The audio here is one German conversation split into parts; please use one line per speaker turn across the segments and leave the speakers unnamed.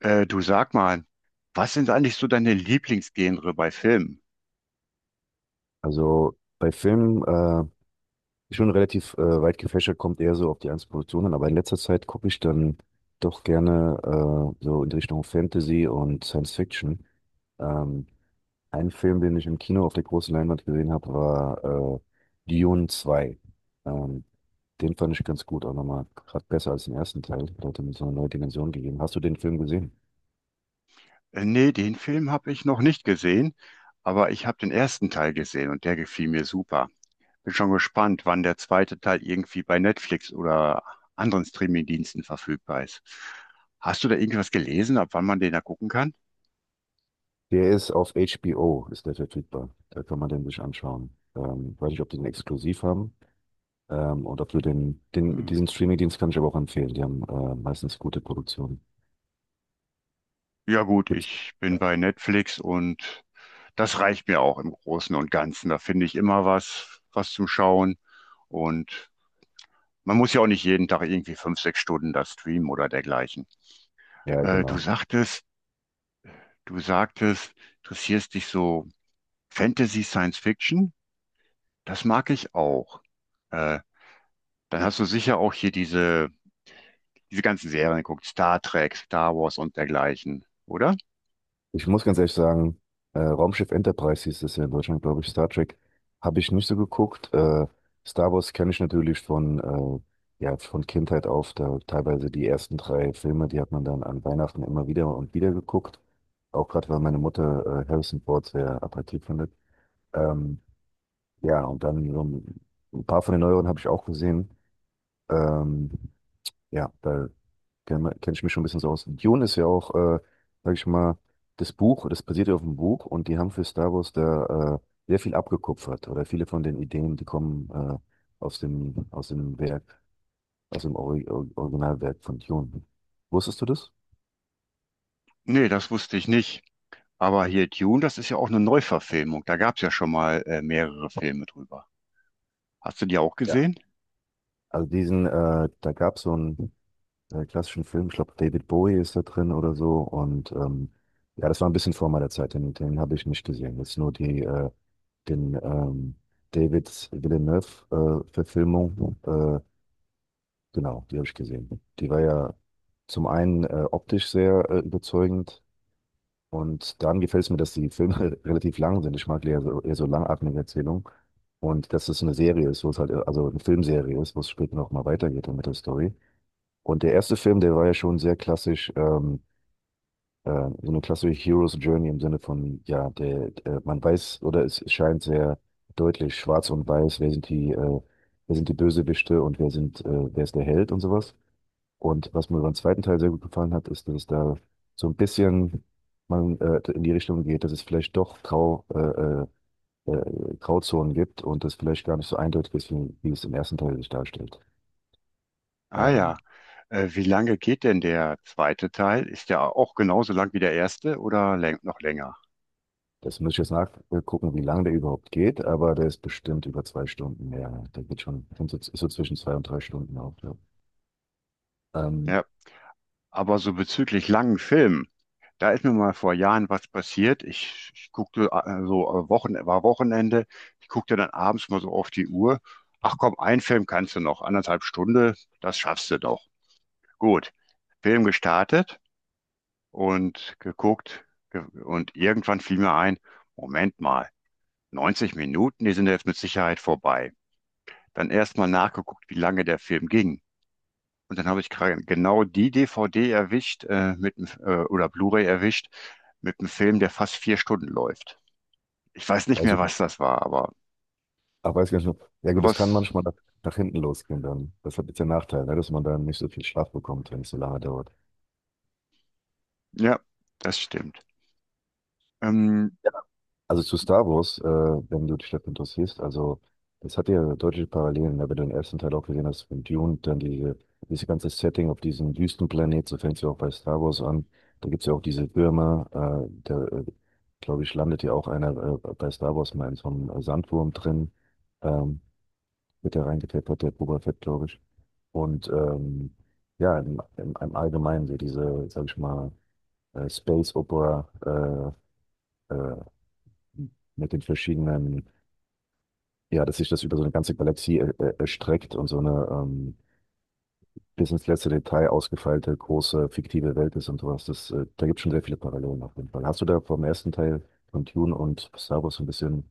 Du sag mal, was sind eigentlich so deine Lieblingsgenre bei Filmen?
Also bei Filmen schon relativ weit gefächert, kommt eher so auf die einzelnen Produktion an, aber in letzter Zeit gucke ich dann doch gerne so in die Richtung Fantasy und Science Fiction. Ähm, ein Film, den ich im Kino auf der großen Leinwand gesehen habe, war Dune zwei. Ähm, Den fand ich ganz gut, auch nochmal gerade besser als den ersten Teil. Der hat ihm so eine neue Dimension gegeben. Hast du den Film gesehen?
Nee, den Film habe ich noch nicht gesehen, aber ich habe den ersten Teil gesehen und der gefiel mir super. Bin schon gespannt, wann der zweite Teil irgendwie bei Netflix oder anderen Streamingdiensten verfügbar ist. Hast du da irgendwas gelesen, ab wann man den da gucken kann?
Der ist auf HBO, ist der verfügbar. Da kann man den sich anschauen. Weiß nicht, ob die den exklusiv haben. Und dafür
Hm.
diesen Streaming-Dienst kann ich aber auch empfehlen. Die haben meistens gute Produktionen.
Ja gut,
Gibt's?
ich bin bei Netflix und das reicht mir auch im Großen und Ganzen. Da finde ich immer was, was zum Schauen. Und man muss ja auch nicht jeden Tag irgendwie fünf, sechs Stunden da streamen oder dergleichen.
Ja,
Äh, du
genau.
sagtest, du sagtest, interessierst dich so Fantasy, Science Fiction? Das mag ich auch. Äh, Dann hast du sicher auch hier diese ganzen Serien geguckt, Star Trek, Star Wars und dergleichen, oder?
Ich muss ganz ehrlich sagen, Raumschiff Enterprise hieß das ja in Deutschland, glaube ich, Star Trek, habe ich nicht so geguckt. Star Wars kenne ich natürlich von, ja, von Kindheit auf. Da teilweise die ersten drei Filme, die hat man dann an Weihnachten immer wieder und wieder geguckt. Auch gerade, weil meine Mutter Harrison Ford sehr attraktiv findet. Ähm, ja, und dann so ein paar von den neueren habe ich auch gesehen. Ähm, ja, da kenn ich mich schon ein bisschen so aus. Dune ist ja auch, sag ich mal, das Buch, das basiert ja auf dem Buch und die haben für Star Wars da sehr viel abgekupfert oder viele von den Ideen, die kommen aus dem Werk, aus dem Originalwerk von Dune. Wusstest du das?
Nee, das wusste ich nicht. Aber hier Dune, das ist ja auch eine Neuverfilmung. Da gab es ja schon mal mehrere Filme drüber. Hast du die auch
Ja.
gesehen?
Also diesen, da gab es so ein klassischen Filmen. Ich glaube, David Bowie ist da drin oder so. Und ja, das war ein bisschen vor meiner Zeit. Den habe ich nicht gesehen. Jetzt nur die, den David Villeneuve-Verfilmung. Genau, die habe ich gesehen. Die war ja zum einen optisch sehr überzeugend. Und dann gefällt es mir, dass die Filme relativ lang sind. Ich mag eher so langatmige Erzählungen. Und dass es eine Serie ist, wo es halt, also eine Filmserie ist, wo es später noch mal weitergeht mit der Story. Und der erste Film, der war ja schon sehr klassisch, äh, so eine klassische Hero's Journey im Sinne von, ja, der, man weiß oder es scheint sehr deutlich schwarz und weiß, wer sind die Bösewichte und wer sind, wer ist der Held und sowas. Und was mir beim zweiten Teil sehr gut gefallen hat, ist, dass es da so ein bisschen man in die Richtung geht, dass es vielleicht doch Grau, Grauzonen gibt und das vielleicht gar nicht so eindeutig ist, wie es im ersten Teil sich darstellt.
Ah ja.
Ähm,
Wie lange geht denn der zweite Teil? Ist der auch genauso lang wie der erste oder läng noch länger?
Das muss ich jetzt nachgucken, wie lange der überhaupt geht, aber der ist bestimmt über zwei Stunden mehr. Der geht schon, ist so zwischen zwei und drei Stunden auch. Ja. Ähm,
Ja, aber so bezüglich langen Filmen, da ist mir mal vor Jahren was passiert. Ich guckte so Wochen, war Wochenende, ich guckte dann abends mal so auf die Uhr. Ach komm, einen Film kannst du noch, anderthalb Stunde, das schaffst du doch. Gut, Film gestartet und geguckt ge und irgendwann fiel mir ein, Moment mal, 90 Minuten, die sind ja jetzt mit Sicherheit vorbei. Dann erst mal nachgeguckt, wie lange der Film ging. Und dann habe ich genau die DVD erwischt, mit, oder Blu-ray erwischt, mit einem Film, der fast vier Stunden läuft. Ich weiß nicht
also,
mehr, was das war, aber
aber weiß ich gar nicht mehr. Ja gut, das kann
sowas,
manchmal nach hinten losgehen dann. Das hat jetzt den Nachteil, ne, dass man dann nicht so viel Schlaf bekommt, wenn es so lange dauert.
ja, das stimmt. Ähm,
Also zu Star Wars, wenn du dich dafür interessierst, also das hat ja deutliche Parallelen, ne? Wenn du den ersten Teil auch gesehen hast von Dune, diese ganze Setting auf diesem Wüstenplanet, so fängt es ja auch bei Star Wars an. Da gibt es ja auch diese Würmer, da glaube ich, landet ja auch einer bei Star Wars mal in so einem Sandwurm drin, ähm, wird da reingeklettert, der Boba Fett, glaube ich. Und ja, im Allgemeinen so diese, sag ich mal, Space Opera äh, mit den verschiedenen ja, dass sich das über so eine ganze Galaxie erstreckt und so eine bis ins letzte Detail ausgefeilte, große, fiktive Welt ist und sowas. Das, da gibt es schon sehr viele Parallelen auf jeden Fall. Hast du da vom ersten Teil von Dune und Star Wars so ein bisschen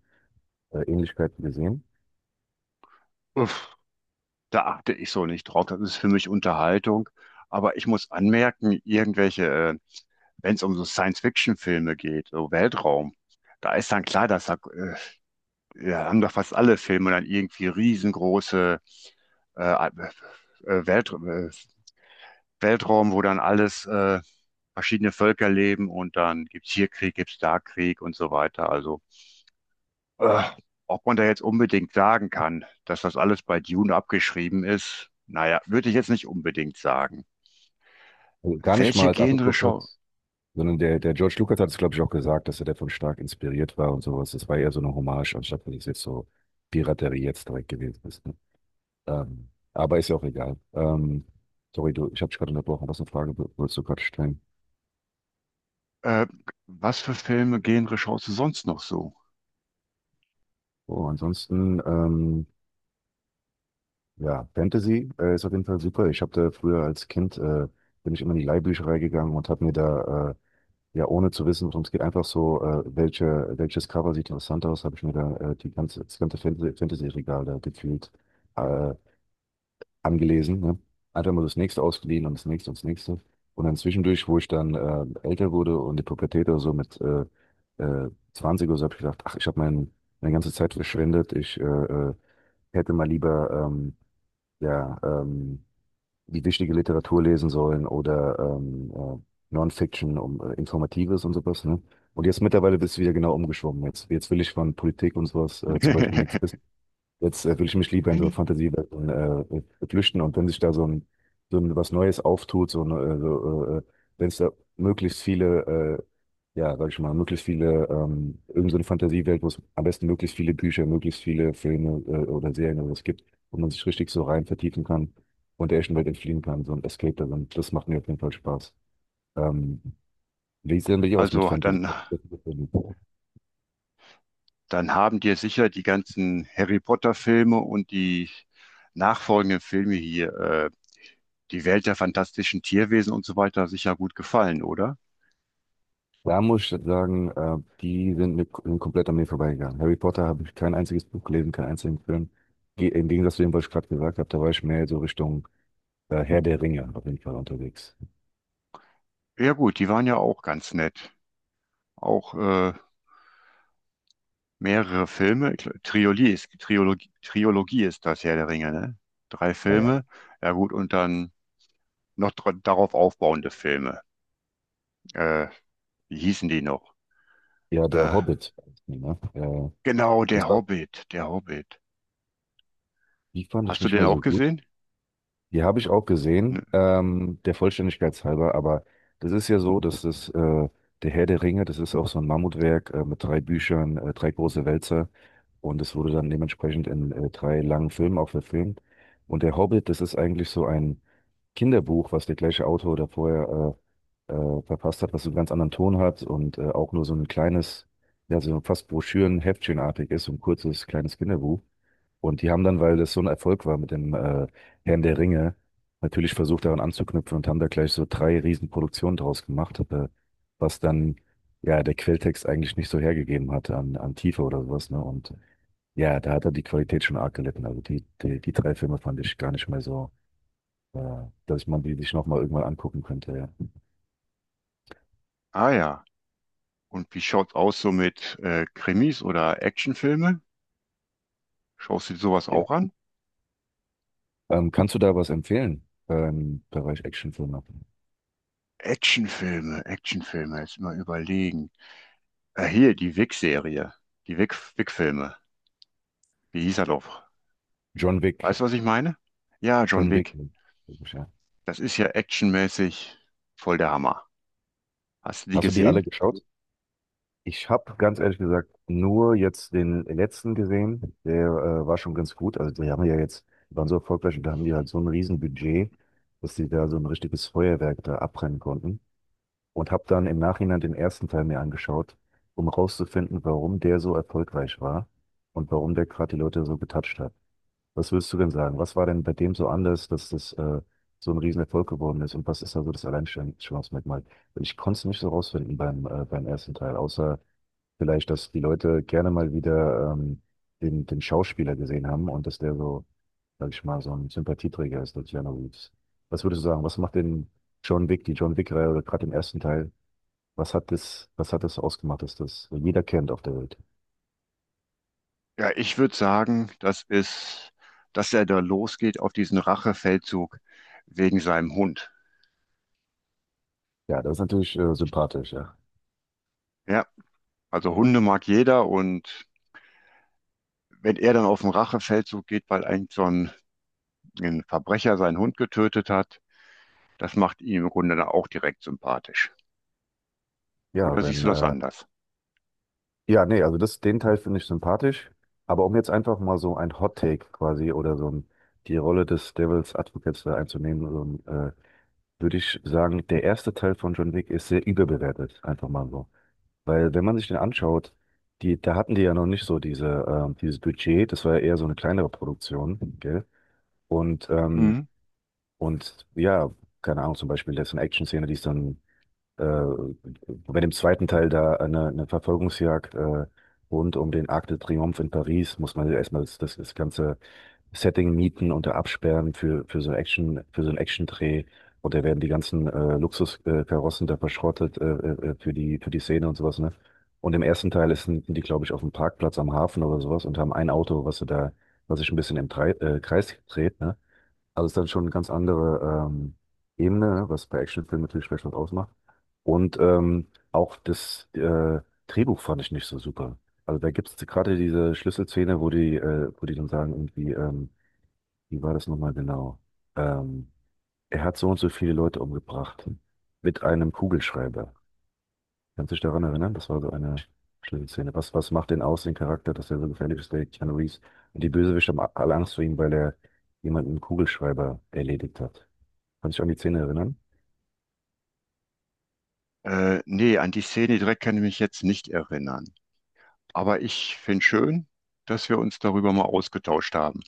Ähnlichkeiten gesehen?
uff. Da achte ich so nicht drauf. Das ist für mich Unterhaltung. Aber ich muss anmerken, wenn es um so Science-Fiction-Filme geht, so Weltraum, da ist dann klar, dass ja, haben doch fast alle Filme dann irgendwie riesengroße äh, Welt, Weltraum, wo dann alles verschiedene Völker leben und dann gibt's hier Krieg, gibt's da Krieg und so weiter. Also äh, ob man da jetzt unbedingt sagen kann, dass das alles bei Dune abgeschrieben ist, naja, würde ich jetzt nicht unbedingt sagen.
Also gar nicht mal
Welche
als
Genre
abgekupfert,
schau,
sondern der George Lucas hat es, glaube ich, auch gesagt, dass er davon stark inspiriert war und sowas. Das war eher so eine Hommage, anstatt dass es jetzt so Piraterie jetzt direkt gewesen ist. Ne? Aber ist ja auch egal. Sorry, du, ich habe dich gerade unterbrochen. Was für eine Frage wolltest du gerade stellen?
äh, Was für Filme, Genre schaust du sonst noch so?
Oh, ansonsten, ja, Fantasy ist auf jeden Fall super. Ich habe da früher als Kind, bin ich immer in die Leihbücherei gegangen und habe mir da, ja, ohne zu wissen, worum es geht, einfach so, welches Cover sieht interessant aus, habe ich mir da das ganze Fantasy-Regal da gefühlt äh, angelesen. Ne? Einfach mal das nächste ausgeliehen und das nächste und das nächste. Und dann zwischendurch, wo ich dann älter wurde und die Pubertät oder so mit 20 oder so, habe ich gedacht, ach, meine ganze Zeit verschwendet. Ich hätte mal lieber ja, die wichtige Literatur lesen sollen oder Non-Fiction, um Informatives und sowas. Ne? Und jetzt mittlerweile bist du wieder genau umgeschwommen. Jetzt will ich von Politik und sowas zum Beispiel nichts wissen. Jetzt will ich mich lieber in so Fantasiewelten flüchten und wenn sich da so ein was Neues auftut, so, ein, so wenn es da möglichst viele äh, ja, sag ich mal, möglichst viele, irgend so eine Fantasiewelt, wo es am besten möglichst viele Bücher, möglichst viele Filme, oder Serien oder was gibt, wo man sich richtig so rein vertiefen kann und der echten Welt entfliehen kann, so ein Escape darin. Das macht mir auf jeden Fall Spaß. Ähm, wie sieht denn bei dir aus mit
Also
Fantasy?
dann haben dir sicher die ganzen Harry Potter-Filme und die nachfolgenden Filme hier, die Welt der fantastischen Tierwesen und so weiter, sicher gut gefallen, oder?
Da muss ich sagen, mir, sind komplett an mir vorbeigegangen. Harry Potter habe ich kein einziges Buch gelesen, keinen einzigen Film. Im Gegensatz zu dem, was ich gerade gesagt habe, da war ich mehr so Richtung Herr der Ringe auf jeden Fall unterwegs.
Ja gut, die waren ja auch ganz nett. Auch mehrere Filme. Ich glaub, Triologie ist das Herr der Ringe, ne? Drei Filme. Ja gut, und dann noch darauf aufbauende Filme. Äh, wie hießen die noch?
Ja, der
Äh,
Hobbit. Ne? Das war,
Der Hobbit.
die fand ich
Hast du
nicht
den
mehr
auch
so gut.
gesehen?
Die habe ich auch
Ne?
gesehen, der Vollständigkeit halber, aber das ist ja so, dass das der Herr der Ringe, das ist auch so ein Mammutwerk mit drei Büchern, drei große Wälzer und es wurde dann dementsprechend in drei langen Filmen auch verfilmt. Und der Hobbit, das ist eigentlich so ein Kinderbuch, was der gleiche Autor da vorher verfasst hat, was so einen ganz anderen Ton hat und auch nur so ein kleines, ja, so fast Broschüren, Heftchenartig ist, so ein kurzes, kleines Kinderbuch. Und die haben dann, weil das so ein Erfolg war mit dem Herrn der Ringe, natürlich versucht daran anzuknüpfen und haben da gleich so drei Riesenproduktionen draus gemacht, was dann ja der Quelltext eigentlich nicht so hergegeben hatte an, an Tiefe oder sowas, ne? Und ja, da hat er die Qualität schon arg gelitten. Also die drei Filme fand ich gar nicht mehr so. Ja. Dass man die sich nochmal irgendwann angucken könnte, ja.
Ah ja. Und wie schaut's aus so mit Krimis oder Actionfilme? Schaust du dir sowas
Ja.
auch an?
Kannst du da was empfehlen im Bereich Actionfilme?
Actionfilme, jetzt mal überlegen. Hier, die Wick-Serie, die Wick-Filme. Wie hieß er doch?
John
Weißt
Wick,
du, was ich meine? Ja, John
John Wick.
Wick.
Ja.
Das ist ja actionmäßig voll der Hammer. Hast du die
Hast du die
gesehen?
alle geschaut? Ich habe ganz ehrlich gesagt nur jetzt den letzten gesehen. Der war schon ganz gut. Also die haben ja jetzt, die waren so erfolgreich und da haben die halt so ein Riesenbudget, dass die da so ein richtiges Feuerwerk da abbrennen konnten. Und habe dann im Nachhinein den ersten Teil mir angeschaut, um rauszufinden, warum der so erfolgreich war und warum der gerade die Leute so getatscht hat. Was würdest du denn sagen? Was war denn bei dem so anders, dass das so ein Riesenerfolg geworden ist? Und was ist da so das Alleinstellungsmerkmal? Und ich konnte es nicht so rausfinden beim, beim ersten Teil, außer vielleicht, dass die Leute gerne mal wieder den Schauspieler gesehen haben und dass der so, sag ich mal, so ein Sympathieträger ist, der Keanu Reeves. Was würdest du sagen? Was macht den John Wick, die John Wick-Reihe oder gerade den ersten Teil was hat das ausgemacht, dass das jeder kennt auf der Welt?
Ja, ich würde sagen, das ist, dass er da losgeht auf diesen Rachefeldzug wegen seinem Hund.
Ja, das ist natürlich sympathisch, ja.
Ja, also Hunde mag jeder und wenn er dann auf den Rachefeldzug geht, weil ein Verbrecher seinen Hund getötet hat, das macht ihn im Grunde dann auch direkt sympathisch.
Ja,
Oder siehst
wenn,
du das anders?
ja, nee, also das, den Teil finde ich sympathisch. Aber um jetzt einfach mal so ein Hot Take quasi oder so ein, die Rolle des Devil's Advocates da einzunehmen, ein, äh, würde ich sagen, der erste Teil von John Wick ist sehr überbewertet, einfach mal so. Weil wenn man sich den anschaut, die, da hatten die ja noch nicht so diese, dieses Budget, das war ja eher so eine kleinere Produktion, gell? Und
Mhm.
und ja, keine Ahnung, zum Beispiel, das ist eine Action-Szene, die ist dann äh, bei dem zweiten Teil da eine Verfolgungsjagd rund um den Arc de Triomphe in Paris, muss man ja erstmal das ganze Setting mieten und da absperren für so ein Action, für so einen Action-Dreh. Und da werden die ganzen Luxuskarossen da verschrottet für die Szene und sowas, ne? Und im ersten Teil sind die, glaube ich, auf dem Parkplatz am Hafen oder sowas und haben ein Auto, was sie da, was sich ein bisschen im Kreis dreht, ne? Also es ist dann schon eine ganz andere Ebene, ne, was bei Actionfilmen natürlich vielleicht was ausmacht. Und auch das Drehbuch fand ich nicht so super. Also da gibt es gerade diese Schlüsselszene, wo die dann sagen, irgendwie, wie war das nochmal genau? Ähm, er hat so und so viele Leute umgebracht mit einem Kugelschreiber. Kannst du dich daran erinnern? Das war so eine Schlüsselszene. Was macht den aus, den Charakter, dass er so gefährlich ist, der Keanu Reeves? Und die Bösewichte haben alle Angst vor ihm, weil er jemanden mit einem Kugelschreiber erledigt hat. Kann dich an die Szene erinnern?
Nee, an die Szene direkt kann ich mich jetzt nicht erinnern. Aber ich finde schön, dass wir uns darüber mal ausgetauscht haben.